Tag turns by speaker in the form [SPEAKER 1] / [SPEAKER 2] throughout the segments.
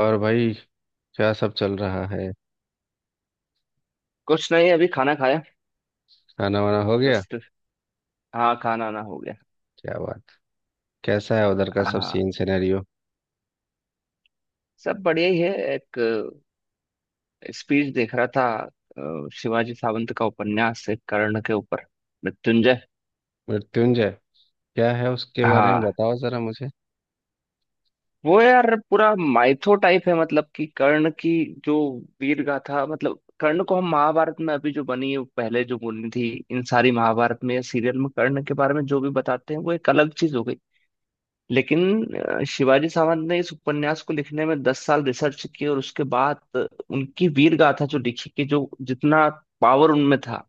[SPEAKER 1] और भाई। क्या सब चल रहा है।
[SPEAKER 2] कुछ नहीं। अभी खाना खाया।
[SPEAKER 1] खाना वाना हो गया।
[SPEAKER 2] जस्ट। हाँ, खाना ना हो गया।
[SPEAKER 1] क्या बात। कैसा है उधर का सब
[SPEAKER 2] हाँ,
[SPEAKER 1] सीन सिनेरियो।
[SPEAKER 2] सब बढ़िया ही है। एक स्पीच देख रहा था। शिवाजी सावंत का उपन्यास है कर्ण के ऊपर, मृत्युंजय।
[SPEAKER 1] मृत्युंजय। क्या है उसके बारे में
[SPEAKER 2] हाँ,
[SPEAKER 1] बताओ जरा मुझे।
[SPEAKER 2] वो यार पूरा माइथो टाइप है। मतलब कि कर्ण की जो वीर गाथा, मतलब कर्ण को हम महाभारत में, अभी जो बनी है, पहले जो बनी थी, इन सारी महाभारत में या सीरियल में कर्ण के बारे में जो भी बताते हैं वो एक अलग चीज हो गई। लेकिन शिवाजी सावंत ने इस उपन्यास को लिखने में 10 साल रिसर्च की और उसके बाद उनकी वीर गाथा जो लिखी कि जो जितना पावर उनमें था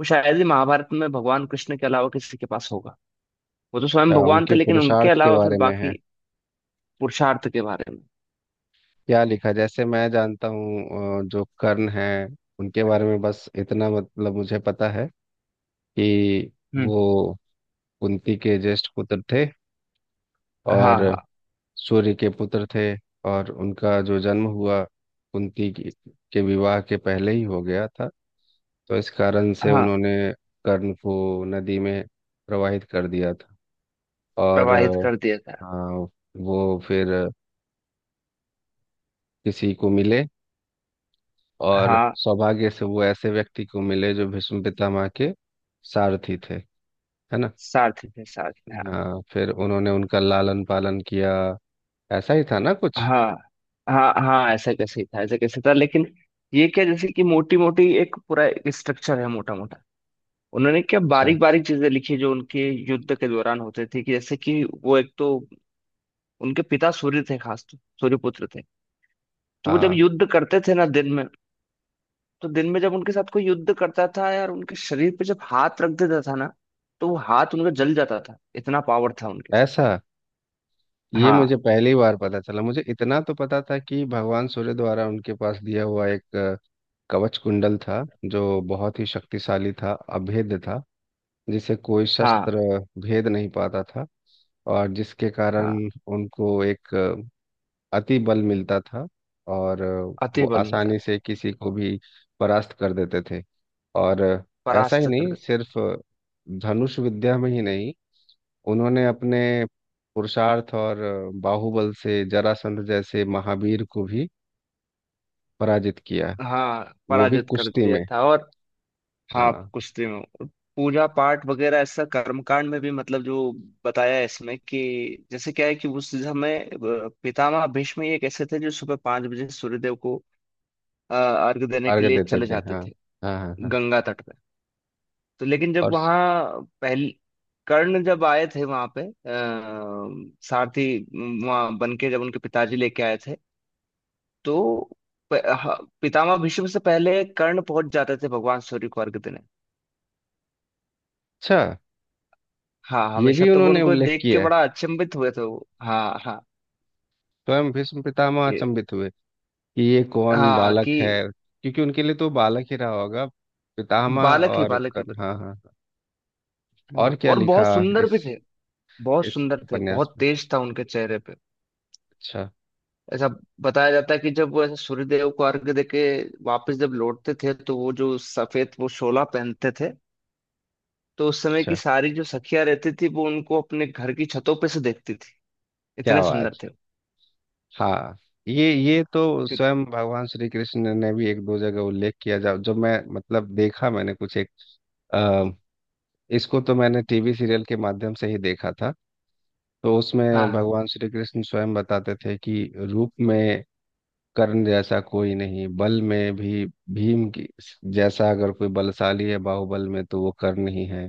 [SPEAKER 2] वो शायद ही महाभारत में भगवान कृष्ण के अलावा किसी के पास होगा। वो तो स्वयं
[SPEAKER 1] क्या
[SPEAKER 2] भगवान थे,
[SPEAKER 1] उनके
[SPEAKER 2] लेकिन उनके
[SPEAKER 1] पुरुषार्थ के
[SPEAKER 2] अलावा फिर
[SPEAKER 1] बारे में है।
[SPEAKER 2] बाकी पुरुषार्थ के बारे में।
[SPEAKER 1] क्या लिखा जैसे मैं जानता हूँ जो कर्ण है। उनके बारे में बस इतना मतलब मुझे पता है कि
[SPEAKER 2] हम्म।
[SPEAKER 1] वो कुंती के ज्येष्ठ पुत्र थे
[SPEAKER 2] हाँ
[SPEAKER 1] और
[SPEAKER 2] हाँ।
[SPEAKER 1] सूर्य के पुत्र थे। और उनका जो जन्म हुआ कुंती के विवाह के पहले ही हो गया था। तो इस कारण से
[SPEAKER 2] हाँ,
[SPEAKER 1] उन्होंने कर्ण को नदी में प्रवाहित कर दिया था। और
[SPEAKER 2] प्रवाहित कर दिया था।
[SPEAKER 1] हाँ, वो फिर किसी को मिले और
[SPEAKER 2] हाँ,
[SPEAKER 1] सौभाग्य से वो ऐसे व्यक्ति को मिले जो भीष्म पितामह के सारथी थे, है ना।
[SPEAKER 2] सारथी थे, सारथी, हाँ।
[SPEAKER 1] हाँ, फिर उन्होंने उनका लालन पालन किया। ऐसा ही था ना कुछ।
[SPEAKER 2] हाँ हाँ। हाँ, ऐसा कैसे ही था, ऐसा कैसे था लेकिन ये क्या, जैसे कि मोटी मोटी एक पूरा स्ट्रक्चर है, मोटा मोटा। उन्होंने क्या
[SPEAKER 1] अच्छा।
[SPEAKER 2] बारीक बारीक चीजें लिखी जो उनके युद्ध के दौरान होते थे। कि जैसे कि वो एक तो उनके पिता सूर्य थे, खास तो सूर्यपुत्र थे। तो वो जब
[SPEAKER 1] हाँ।
[SPEAKER 2] युद्ध करते थे ना दिन में, तो दिन में जब उनके साथ कोई युद्ध करता था यार, उनके शरीर पे जब हाथ रख देता था ना, तो वो हाथ उनका जल जाता था। इतना पावर था उनके साथ।
[SPEAKER 1] ऐसा ये
[SPEAKER 2] हाँ।
[SPEAKER 1] मुझे पहली बार पता चला। मुझे इतना तो पता था कि भगवान सूर्य द्वारा उनके पास दिया हुआ एक कवच कुंडल था, जो बहुत ही शक्तिशाली था, अभेद्य था, जिसे कोई
[SPEAKER 2] हाँ।
[SPEAKER 1] शस्त्र भेद नहीं पाता था। और जिसके कारण
[SPEAKER 2] हाँ,
[SPEAKER 1] उनको एक अति बल मिलता था और वो
[SPEAKER 2] अति बल मिलता
[SPEAKER 1] आसानी
[SPEAKER 2] था।
[SPEAKER 1] से किसी को भी परास्त कर देते थे। और ऐसा ही
[SPEAKER 2] परास्त कर
[SPEAKER 1] नहीं,
[SPEAKER 2] देते।
[SPEAKER 1] सिर्फ धनुष विद्या में ही नहीं, उन्होंने अपने पुरुषार्थ और बाहुबल से जरासंध जैसे महावीर को भी पराजित किया,
[SPEAKER 2] हाँ,
[SPEAKER 1] वो भी
[SPEAKER 2] पराजित कर
[SPEAKER 1] कुश्ती
[SPEAKER 2] दिया
[SPEAKER 1] में।
[SPEAKER 2] था। और हाँ, आप
[SPEAKER 1] हाँ।
[SPEAKER 2] कुश्ती में हो। पूजा पाठ वगैरह ऐसा कर्मकांड में भी। मतलब जो बताया है इसमें कि जैसे क्या है कि उस समय पितामह भीष्म एक ऐसे थे जो सुबह 5 बजे सूर्यदेव को अर्घ देने
[SPEAKER 1] अर्घ
[SPEAKER 2] के लिए
[SPEAKER 1] देते
[SPEAKER 2] चले
[SPEAKER 1] थे।
[SPEAKER 2] जाते
[SPEAKER 1] हाँ
[SPEAKER 2] थे,
[SPEAKER 1] हाँ हाँ हाँ।
[SPEAKER 2] गंगा तट पे। तो लेकिन जब
[SPEAKER 1] और स-
[SPEAKER 2] वहाँ पहली कर्ण जब आए थे वहां पे सारथी वहां बन के जब उनके पिताजी लेके आए थे, तो पितामह भीष्म से पहले कर्ण पहुंच जाते थे भगवान सूर्य को अर्घ देने।
[SPEAKER 1] अच्छा।
[SPEAKER 2] हाँ
[SPEAKER 1] ये
[SPEAKER 2] हमेशा।
[SPEAKER 1] भी
[SPEAKER 2] तो वो
[SPEAKER 1] उन्होंने
[SPEAKER 2] उनको
[SPEAKER 1] उल्लेख
[SPEAKER 2] देख के
[SPEAKER 1] किया है,
[SPEAKER 2] बड़ा अचंभित हुए थे वो। हाँ हाँ।
[SPEAKER 1] स्वयं भीष्म पितामह
[SPEAKER 2] ये।
[SPEAKER 1] अचंभित हुए कि ये कौन
[SPEAKER 2] हाँ
[SPEAKER 1] बालक
[SPEAKER 2] कि
[SPEAKER 1] है, क्योंकि उनके लिए तो बालक ही रहा होगा पितामह।
[SPEAKER 2] बालक ही
[SPEAKER 1] और
[SPEAKER 2] बालक है
[SPEAKER 1] कर्ण,
[SPEAKER 2] बस।
[SPEAKER 1] हाँ हाँ हाँ। और क्या
[SPEAKER 2] और
[SPEAKER 1] लिखा
[SPEAKER 2] बहुत सुंदर
[SPEAKER 1] इस
[SPEAKER 2] भी थे। बहुत
[SPEAKER 1] इस
[SPEAKER 2] सुंदर थे,
[SPEAKER 1] उपन्यास
[SPEAKER 2] बहुत
[SPEAKER 1] में।
[SPEAKER 2] तेज था उनके चेहरे पे।
[SPEAKER 1] अच्छा
[SPEAKER 2] ऐसा बताया जाता है कि जब वो ऐसे सूर्यदेव को अर्घ देके वापस जब लौटते थे, तो वो जो सफेद वो शोला पहनते थे, तो उस समय की
[SPEAKER 1] अच्छा।
[SPEAKER 2] सारी जो सखियां रहती थी वो उनको अपने घर की छतों पे से देखती थी।
[SPEAKER 1] क्या
[SPEAKER 2] इतने सुंदर
[SPEAKER 1] बात।
[SPEAKER 2] थे वो।
[SPEAKER 1] हाँ, ये तो
[SPEAKER 2] कि-।
[SPEAKER 1] स्वयं भगवान श्री कृष्ण ने भी एक दो जगह उल्लेख किया। जब जब मैं मतलब देखा, मैंने कुछ एक अ, इसको तो मैंने टीवी सीरियल के माध्यम से ही देखा था। तो उसमें
[SPEAKER 2] हाँ
[SPEAKER 1] भगवान श्री कृष्ण स्वयं बताते थे कि रूप में कर्ण जैसा कोई नहीं, बल में भी भीम की जैसा अगर कोई बलशाली है बाहुबल में तो वो कर्ण ही है,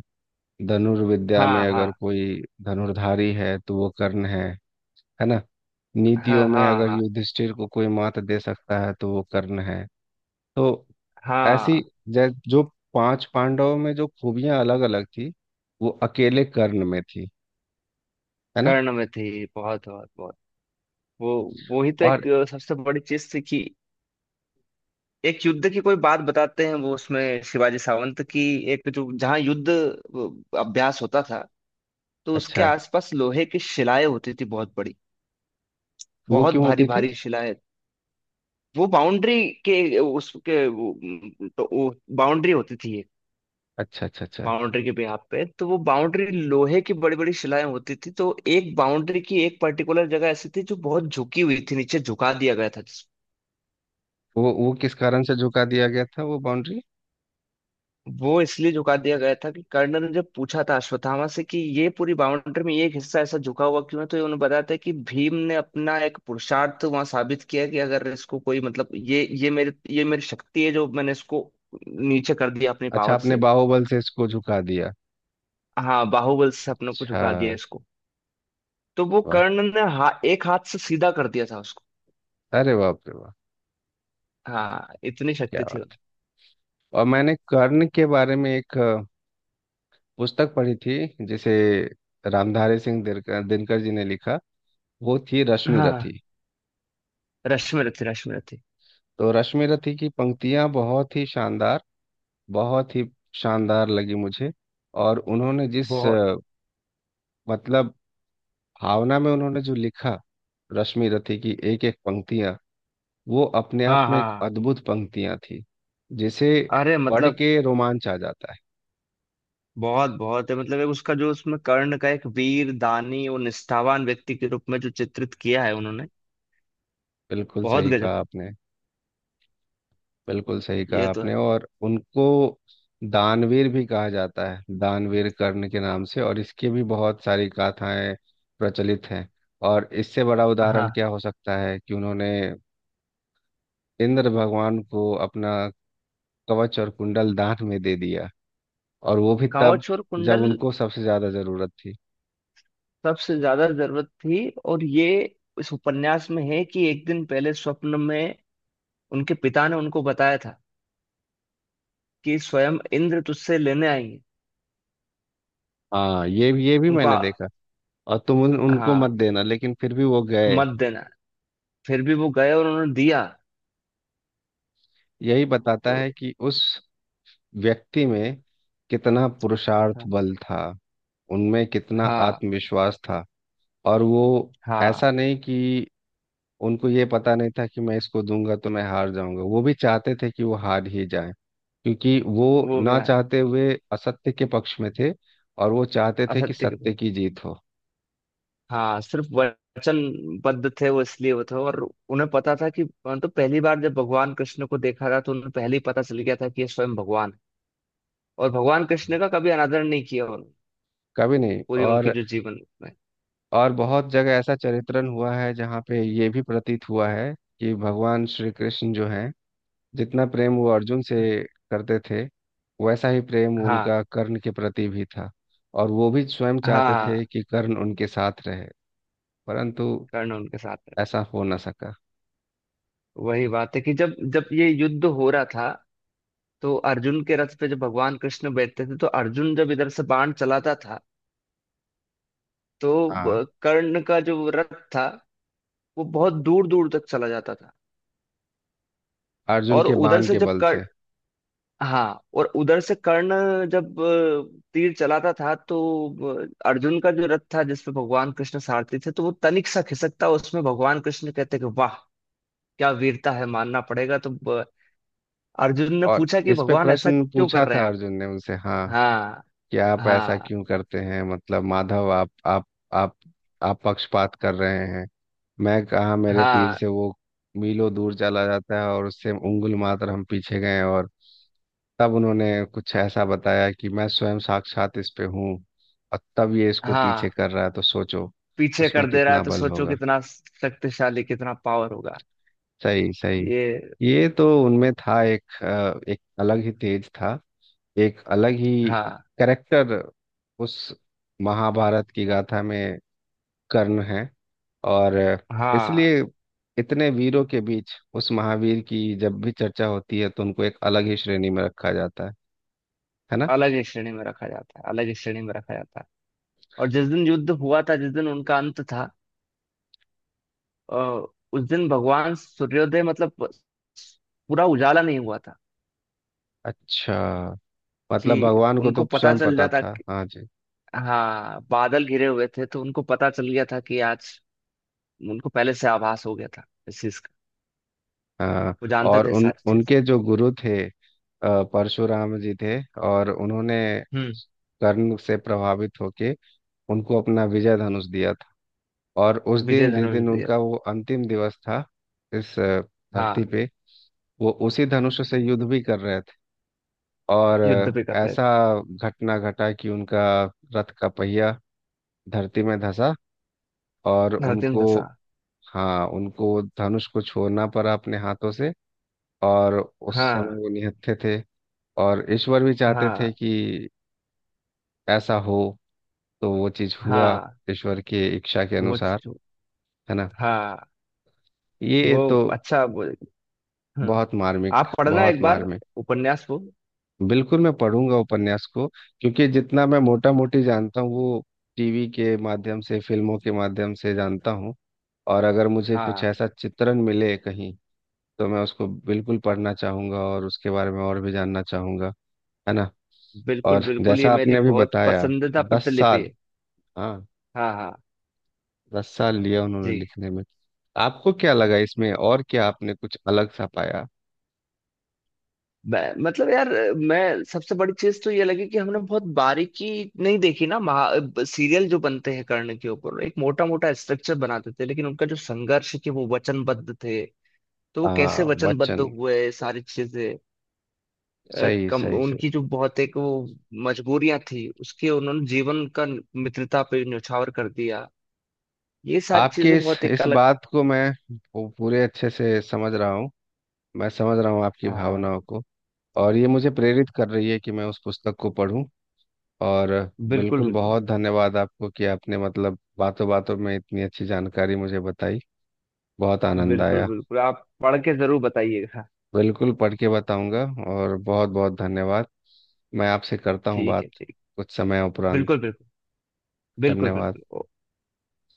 [SPEAKER 1] धनुर्विद्या में
[SPEAKER 2] हाँ हाँ
[SPEAKER 1] अगर कोई धनुर्धारी है तो वो कर्ण है ना,
[SPEAKER 2] हाँ।
[SPEAKER 1] नीतियों में
[SPEAKER 2] हाँ हाँ
[SPEAKER 1] अगर
[SPEAKER 2] हाँ।
[SPEAKER 1] युधिष्ठिर को कोई मात दे सकता है तो वो कर्ण है। तो
[SPEAKER 2] हाँ,
[SPEAKER 1] ऐसी जो पांच पांडवों में जो खूबियां अलग अलग थी वो अकेले कर्ण में थी, है ना।
[SPEAKER 2] कर्ण में थी, बहुत बहुत बहुत। वो वो ही तो
[SPEAKER 1] और।
[SPEAKER 2] एक सबसे बड़ी चीज थी कि एक युद्ध की कोई बात बताते हैं वो उसमें शिवाजी सावंत की। एक जो जहाँ युद्ध अभ्यास होता था, तो उसके
[SPEAKER 1] अच्छा।
[SPEAKER 2] आसपास लोहे की शिलाएं होती थी, बहुत बड़ी।
[SPEAKER 1] वो
[SPEAKER 2] बहुत
[SPEAKER 1] क्यों
[SPEAKER 2] भारी
[SPEAKER 1] होती थी।
[SPEAKER 2] भारी शिलाएं। वो बाउंड्री के उसके वो, तो वो बाउंड्री होती थी ये,
[SPEAKER 1] अच्छा अच्छा अच्छा।
[SPEAKER 2] बाउंड्री के यहाँ पे। तो वो बाउंड्री लोहे की बड़ी बड़ी शिलाएं होती थी। तो एक बाउंड्री की एक पर्टिकुलर जगह ऐसी थी जो बहुत झुकी हुई थी, नीचे झुका दिया गया था।
[SPEAKER 1] वो किस कारण से झुका दिया गया था वो बाउंड्री।
[SPEAKER 2] वो इसलिए झुका दिया गया था कि कर्नल ने जब पूछा था अश्वत्थामा से कि ये पूरी बाउंड्री में ये एक हिस्सा ऐसा झुका हुआ क्यों है, तो उन्होंने बताया था कि भीम ने अपना एक पुरुषार्थ वहां साबित किया कि अगर इसको कोई, मतलब ये मेरे ये मेरी शक्ति है जो मैंने इसको नीचे कर दिया अपनी
[SPEAKER 1] अच्छा,
[SPEAKER 2] पावर
[SPEAKER 1] आपने
[SPEAKER 2] से।
[SPEAKER 1] बाहुबल से इसको झुका दिया।
[SPEAKER 2] हाँ, बाहुबल से अपने को
[SPEAKER 1] अच्छा।
[SPEAKER 2] झुका दिया इसको। तो वो
[SPEAKER 1] वाह।
[SPEAKER 2] कर्णन ने हा, एक हाथ से सीधा कर दिया था उसको।
[SPEAKER 1] अरे बाप रे, वाह।
[SPEAKER 2] हाँ, इतनी
[SPEAKER 1] क्या
[SPEAKER 2] शक्ति थी उन-।
[SPEAKER 1] बात। और मैंने कर्ण के बारे में एक पुस्तक पढ़ी थी जिसे रामधारी सिंह दिनकर, दिनकर जी ने लिखा। वो थी रश्मि
[SPEAKER 2] हाँ,
[SPEAKER 1] रथी।
[SPEAKER 2] रश्मि रथी, रश्मि रथी।
[SPEAKER 1] तो रश्मि रथी की पंक्तियां बहुत ही शानदार, बहुत ही शानदार लगी मुझे। और उन्होंने जिस
[SPEAKER 2] बहुत।
[SPEAKER 1] मतलब भावना में उन्होंने जो लिखा, रश्मि रथी की एक एक पंक्तियां वो अपने आप
[SPEAKER 2] हाँ
[SPEAKER 1] में
[SPEAKER 2] हाँ
[SPEAKER 1] एक
[SPEAKER 2] हाँ।
[SPEAKER 1] अद्भुत पंक्तियां थी, जिसे
[SPEAKER 2] अरे
[SPEAKER 1] पढ़
[SPEAKER 2] मतलब
[SPEAKER 1] के रोमांच आ जाता है।
[SPEAKER 2] बहुत बहुत है। मतलब एक उसका जो उसमें कर्ण का एक वीर दानी और निष्ठावान व्यक्ति के रूप में जो चित्रित किया है उन्होंने,
[SPEAKER 1] बिल्कुल
[SPEAKER 2] बहुत
[SPEAKER 1] सही
[SPEAKER 2] गजब
[SPEAKER 1] कहा
[SPEAKER 2] का।
[SPEAKER 1] आपने। बिल्कुल सही कहा
[SPEAKER 2] ये तो है।
[SPEAKER 1] आपने। और उनको दानवीर भी कहा जाता है, दानवीर कर्ण के नाम से, और इसकी भी बहुत सारी गाथाएं प्रचलित हैं। और इससे बड़ा उदाहरण
[SPEAKER 2] हाँ,
[SPEAKER 1] क्या हो सकता है कि उन्होंने इंद्र भगवान को अपना कवच और कुंडल दान में दे दिया, और वो भी तब
[SPEAKER 2] कांवच और
[SPEAKER 1] जब
[SPEAKER 2] कुंडल
[SPEAKER 1] उनको सबसे ज्यादा जरूरत थी।
[SPEAKER 2] सबसे ज्यादा जरूरत थी। और ये, इस उपन्यास में है कि एक दिन पहले स्वप्न में उनके पिता ने उनको बताया था कि स्वयं इंद्र तुझसे लेने आएंगे।
[SPEAKER 1] हाँ, ये भी
[SPEAKER 2] उनको
[SPEAKER 1] मैंने
[SPEAKER 2] आ-।
[SPEAKER 1] देखा। और तुम उनको
[SPEAKER 2] हाँ,
[SPEAKER 1] मत देना, लेकिन फिर भी वो गए।
[SPEAKER 2] मत देना। फिर भी वो गए और उन्होंने दिया।
[SPEAKER 1] यही बताता
[SPEAKER 2] तो
[SPEAKER 1] है कि उस व्यक्ति में कितना पुरुषार्थ
[SPEAKER 2] हाँ
[SPEAKER 1] बल था, उनमें कितना
[SPEAKER 2] हाँ
[SPEAKER 1] आत्मविश्वास था। और वो,
[SPEAKER 2] हाँ,
[SPEAKER 1] ऐसा नहीं कि उनको ये पता नहीं था कि मैं इसको दूंगा तो मैं हार जाऊंगा, वो भी चाहते थे कि वो हार ही जाए, क्योंकि वो
[SPEAKER 2] वो भी
[SPEAKER 1] ना
[SPEAKER 2] आया।
[SPEAKER 1] चाहते हुए असत्य के पक्ष में थे और वो चाहते थे कि
[SPEAKER 2] असत्य के।
[SPEAKER 1] सत्य की जीत हो।
[SPEAKER 2] हाँ, सिर्फ वचनबद्ध थे वो, इसलिए वो थे। और उन्हें पता था कि, मतलब पहली बार जब भगवान कृष्ण को देखा था तो उन्हें पहले ही पता चल गया था कि ये स्वयं भगवान है, और भगवान कृष्ण का कभी अनादर नहीं किया उन्होंने
[SPEAKER 1] कभी नहीं।
[SPEAKER 2] पूरी उनकी
[SPEAKER 1] और
[SPEAKER 2] जो जीवन में।
[SPEAKER 1] और बहुत जगह ऐसा चरित्रण हुआ है जहाँ पे ये भी प्रतीत हुआ है कि भगवान श्री कृष्ण जो हैं, जितना प्रेम वो अर्जुन से करते थे वैसा ही प्रेम
[SPEAKER 2] हाँ
[SPEAKER 1] उनका कर्ण के प्रति भी था। और वो भी स्वयं चाहते थे
[SPEAKER 2] हाँ।
[SPEAKER 1] कि कर्ण उनके साथ रहे, परंतु
[SPEAKER 2] कर्ण उनके साथ है।
[SPEAKER 1] ऐसा हो न सका।
[SPEAKER 2] वही बात है कि जब जब ये युद्ध हो रहा था तो अर्जुन के रथ पे जब भगवान कृष्ण बैठते थे तो अर्जुन जब इधर से बाण चलाता था तो
[SPEAKER 1] हाँ।
[SPEAKER 2] ब- कर्ण का जो रथ था वो बहुत दूर दूर तक चला जाता था।
[SPEAKER 1] अर्जुन
[SPEAKER 2] और
[SPEAKER 1] के
[SPEAKER 2] उधर
[SPEAKER 1] बाण
[SPEAKER 2] से
[SPEAKER 1] के
[SPEAKER 2] जब
[SPEAKER 1] बल
[SPEAKER 2] कर,
[SPEAKER 1] से।
[SPEAKER 2] हाँ और उधर से कर्ण जब तीर चलाता था तो अर्जुन का जो रथ था जिसपे भगवान कृष्ण सारथी थे तो वो तनिक सा खिसकता। उसमें भगवान कृष्ण कहते कि वाह, क्या वीरता है, मानना पड़ेगा। तो अ, अर्जुन ने
[SPEAKER 1] और
[SPEAKER 2] पूछा कि
[SPEAKER 1] इस पे
[SPEAKER 2] भगवान ऐसा
[SPEAKER 1] प्रश्न
[SPEAKER 2] क्यों कर
[SPEAKER 1] पूछा
[SPEAKER 2] रहे हैं
[SPEAKER 1] था
[SPEAKER 2] आप।
[SPEAKER 1] अर्जुन ने उनसे, हाँ,
[SPEAKER 2] हाँ
[SPEAKER 1] कि आप ऐसा
[SPEAKER 2] हाँ
[SPEAKER 1] क्यों करते हैं, मतलब माधव, आप आप आप पक्षपात कर रहे हैं। मैं कहा मेरे तीर
[SPEAKER 2] हाँ
[SPEAKER 1] से वो मीलों दूर चला जाता है और उससे उंगुल मात्र हम पीछे गए। और तब उन्होंने कुछ ऐसा बताया कि मैं स्वयं साक्षात इस पे हूँ और तब ये इसको
[SPEAKER 2] हाँ।
[SPEAKER 1] पीछे कर रहा है, तो सोचो
[SPEAKER 2] पीछे
[SPEAKER 1] उसमें
[SPEAKER 2] कर दे रहा है
[SPEAKER 1] कितना
[SPEAKER 2] तो
[SPEAKER 1] बल
[SPEAKER 2] सोचो
[SPEAKER 1] होगा।
[SPEAKER 2] कितना शक्तिशाली, कितना पावर होगा।
[SPEAKER 1] सही सही।
[SPEAKER 2] ये।
[SPEAKER 1] ये तो उनमें था, एक एक अलग ही तेज था, एक अलग ही
[SPEAKER 2] हाँ
[SPEAKER 1] कैरेक्टर उस महाभारत की गाथा में कर्ण है। और
[SPEAKER 2] हाँ।
[SPEAKER 1] इसलिए इतने वीरों के बीच उस महावीर की जब भी चर्चा होती है तो उनको एक अलग ही श्रेणी में रखा जाता है ना।
[SPEAKER 2] अलग ही श्रेणी में रखा जाता है, अलग ही श्रेणी में रखा जाता है। और जिस दिन युद्ध हुआ था, जिस दिन उनका अंत था, अ, उस दिन भगवान सूर्योदय, मतलब पूरा उजाला नहीं हुआ था
[SPEAKER 1] अच्छा। मतलब
[SPEAKER 2] कि
[SPEAKER 1] भगवान को
[SPEAKER 2] उनको
[SPEAKER 1] तो
[SPEAKER 2] पता
[SPEAKER 1] स्वयं
[SPEAKER 2] चल
[SPEAKER 1] पता
[SPEAKER 2] जाता
[SPEAKER 1] था,
[SPEAKER 2] कि।
[SPEAKER 1] हाँ जी।
[SPEAKER 2] हाँ, बादल घिरे हुए थे तो उनको पता चल गया था कि आज उनको पहले से आभास हो गया था इस चीज का।
[SPEAKER 1] हाँ।
[SPEAKER 2] वो जानते
[SPEAKER 1] और
[SPEAKER 2] थे
[SPEAKER 1] उन
[SPEAKER 2] सारी चीजें।
[SPEAKER 1] उनके जो गुरु थे, परशुराम जी थे, और उन्होंने
[SPEAKER 2] हम्म।
[SPEAKER 1] कर्ण से प्रभावित होके उनको अपना विजय धनुष दिया था। और उस
[SPEAKER 2] विजय
[SPEAKER 1] दिन, जिस
[SPEAKER 2] धनुष
[SPEAKER 1] दिन
[SPEAKER 2] दिए।
[SPEAKER 1] उनका वो अंतिम दिवस था इस धरती
[SPEAKER 2] हाँ,
[SPEAKER 1] पे, वो उसी धनुष से युद्ध भी कर रहे थे। और
[SPEAKER 2] युद्ध पे कर रहे
[SPEAKER 1] ऐसा
[SPEAKER 2] थे।
[SPEAKER 1] घटना घटा कि उनका रथ का पहिया धरती में धंसा और
[SPEAKER 2] धरती में
[SPEAKER 1] उनको,
[SPEAKER 2] धंसा।
[SPEAKER 1] हाँ, उनको धनुष को छोड़ना पड़ा अपने हाथों से। और उस समय
[SPEAKER 2] हाँ
[SPEAKER 1] वो निहत्थे थे और ईश्वर भी चाहते थे
[SPEAKER 2] हाँ
[SPEAKER 1] कि ऐसा हो, तो वो चीज हुआ
[SPEAKER 2] हाँ।
[SPEAKER 1] ईश्वर के इच्छा के
[SPEAKER 2] वो
[SPEAKER 1] अनुसार,
[SPEAKER 2] चीज वो-।
[SPEAKER 1] है ना।
[SPEAKER 2] हाँ।
[SPEAKER 1] ये
[SPEAKER 2] वो
[SPEAKER 1] तो
[SPEAKER 2] अच्छा वो, हम्म,
[SPEAKER 1] बहुत मार्मिक,
[SPEAKER 2] आप पढ़ना
[SPEAKER 1] बहुत
[SPEAKER 2] एक बार
[SPEAKER 1] मार्मिक।
[SPEAKER 2] उपन्यास को।
[SPEAKER 1] बिल्कुल मैं पढ़ूंगा उपन्यास को, क्योंकि जितना मैं मोटा मोटी जानता हूँ वो टीवी के माध्यम से, फिल्मों के माध्यम से जानता हूँ। और अगर मुझे कुछ
[SPEAKER 2] हाँ,
[SPEAKER 1] ऐसा चित्रण मिले कहीं तो मैं उसको बिल्कुल पढ़ना चाहूंगा और उसके बारे में और भी जानना चाहूंगा, है ना।
[SPEAKER 2] बिल्कुल
[SPEAKER 1] और
[SPEAKER 2] बिल्कुल। ये
[SPEAKER 1] जैसा
[SPEAKER 2] मेरी
[SPEAKER 1] आपने अभी
[SPEAKER 2] बहुत
[SPEAKER 1] बताया,
[SPEAKER 2] पसंदीदा
[SPEAKER 1] दस
[SPEAKER 2] प्रतिलिपि
[SPEAKER 1] साल
[SPEAKER 2] है।
[SPEAKER 1] हाँ,
[SPEAKER 2] हाँ हाँ,
[SPEAKER 1] 10 साल लिया उन्होंने
[SPEAKER 2] जी।
[SPEAKER 1] लिखने में। आपको क्या लगा इसमें और क्या आपने कुछ अलग सा पाया।
[SPEAKER 2] मैं, मतलब यार, मैं सबसे बड़ी चीज तो ये लगी कि हमने बहुत बारीकी नहीं देखी ना, महा, सीरियल जो बनते हैं कर्ण के ऊपर एक मोटा मोटा स्ट्रक्चर बनाते थे। लेकिन उनका जो संघर्ष है कि वो वचनबद्ध थे, तो वो कैसे
[SPEAKER 1] हाँ,
[SPEAKER 2] वचनबद्ध
[SPEAKER 1] बच्चन।
[SPEAKER 2] हुए, सारी चीजें,
[SPEAKER 1] सही
[SPEAKER 2] कम
[SPEAKER 1] सही सही।
[SPEAKER 2] उनकी जो बहुत एक वो मजबूरियां थी उसके। उन्होंने जीवन का मित्रता पे न्यौछावर कर दिया। ये सारी
[SPEAKER 1] आपके
[SPEAKER 2] चीजें
[SPEAKER 1] इस
[SPEAKER 2] बहुत एक
[SPEAKER 1] इस
[SPEAKER 2] अलग।
[SPEAKER 1] बात को मैं पूरे अच्छे से समझ रहा हूँ, मैं समझ रहा हूँ आपकी
[SPEAKER 2] हाँ,
[SPEAKER 1] भावनाओं को। और ये मुझे प्रेरित कर रही है कि मैं उस पुस्तक को पढूं। और
[SPEAKER 2] बिल्कुल
[SPEAKER 1] बिल्कुल,
[SPEAKER 2] बिल्कुल।
[SPEAKER 1] बहुत धन्यवाद आपको कि आपने मतलब बातों बातों में इतनी अच्छी जानकारी मुझे बताई, बहुत आनंद
[SPEAKER 2] बिल्कुल
[SPEAKER 1] आया।
[SPEAKER 2] बिल्कुल, आप पढ़ के जरूर बताइएगा।
[SPEAKER 1] बिल्कुल पढ़ के बताऊंगा। और बहुत बहुत धन्यवाद। मैं आपसे करता हूँ
[SPEAKER 2] ठीक
[SPEAKER 1] बात
[SPEAKER 2] है, ठीक।
[SPEAKER 1] कुछ समय उपरांत।
[SPEAKER 2] बिल्कुल बिल्कुल। बिल्कुल
[SPEAKER 1] धन्यवाद।
[SPEAKER 2] बिल्कुल।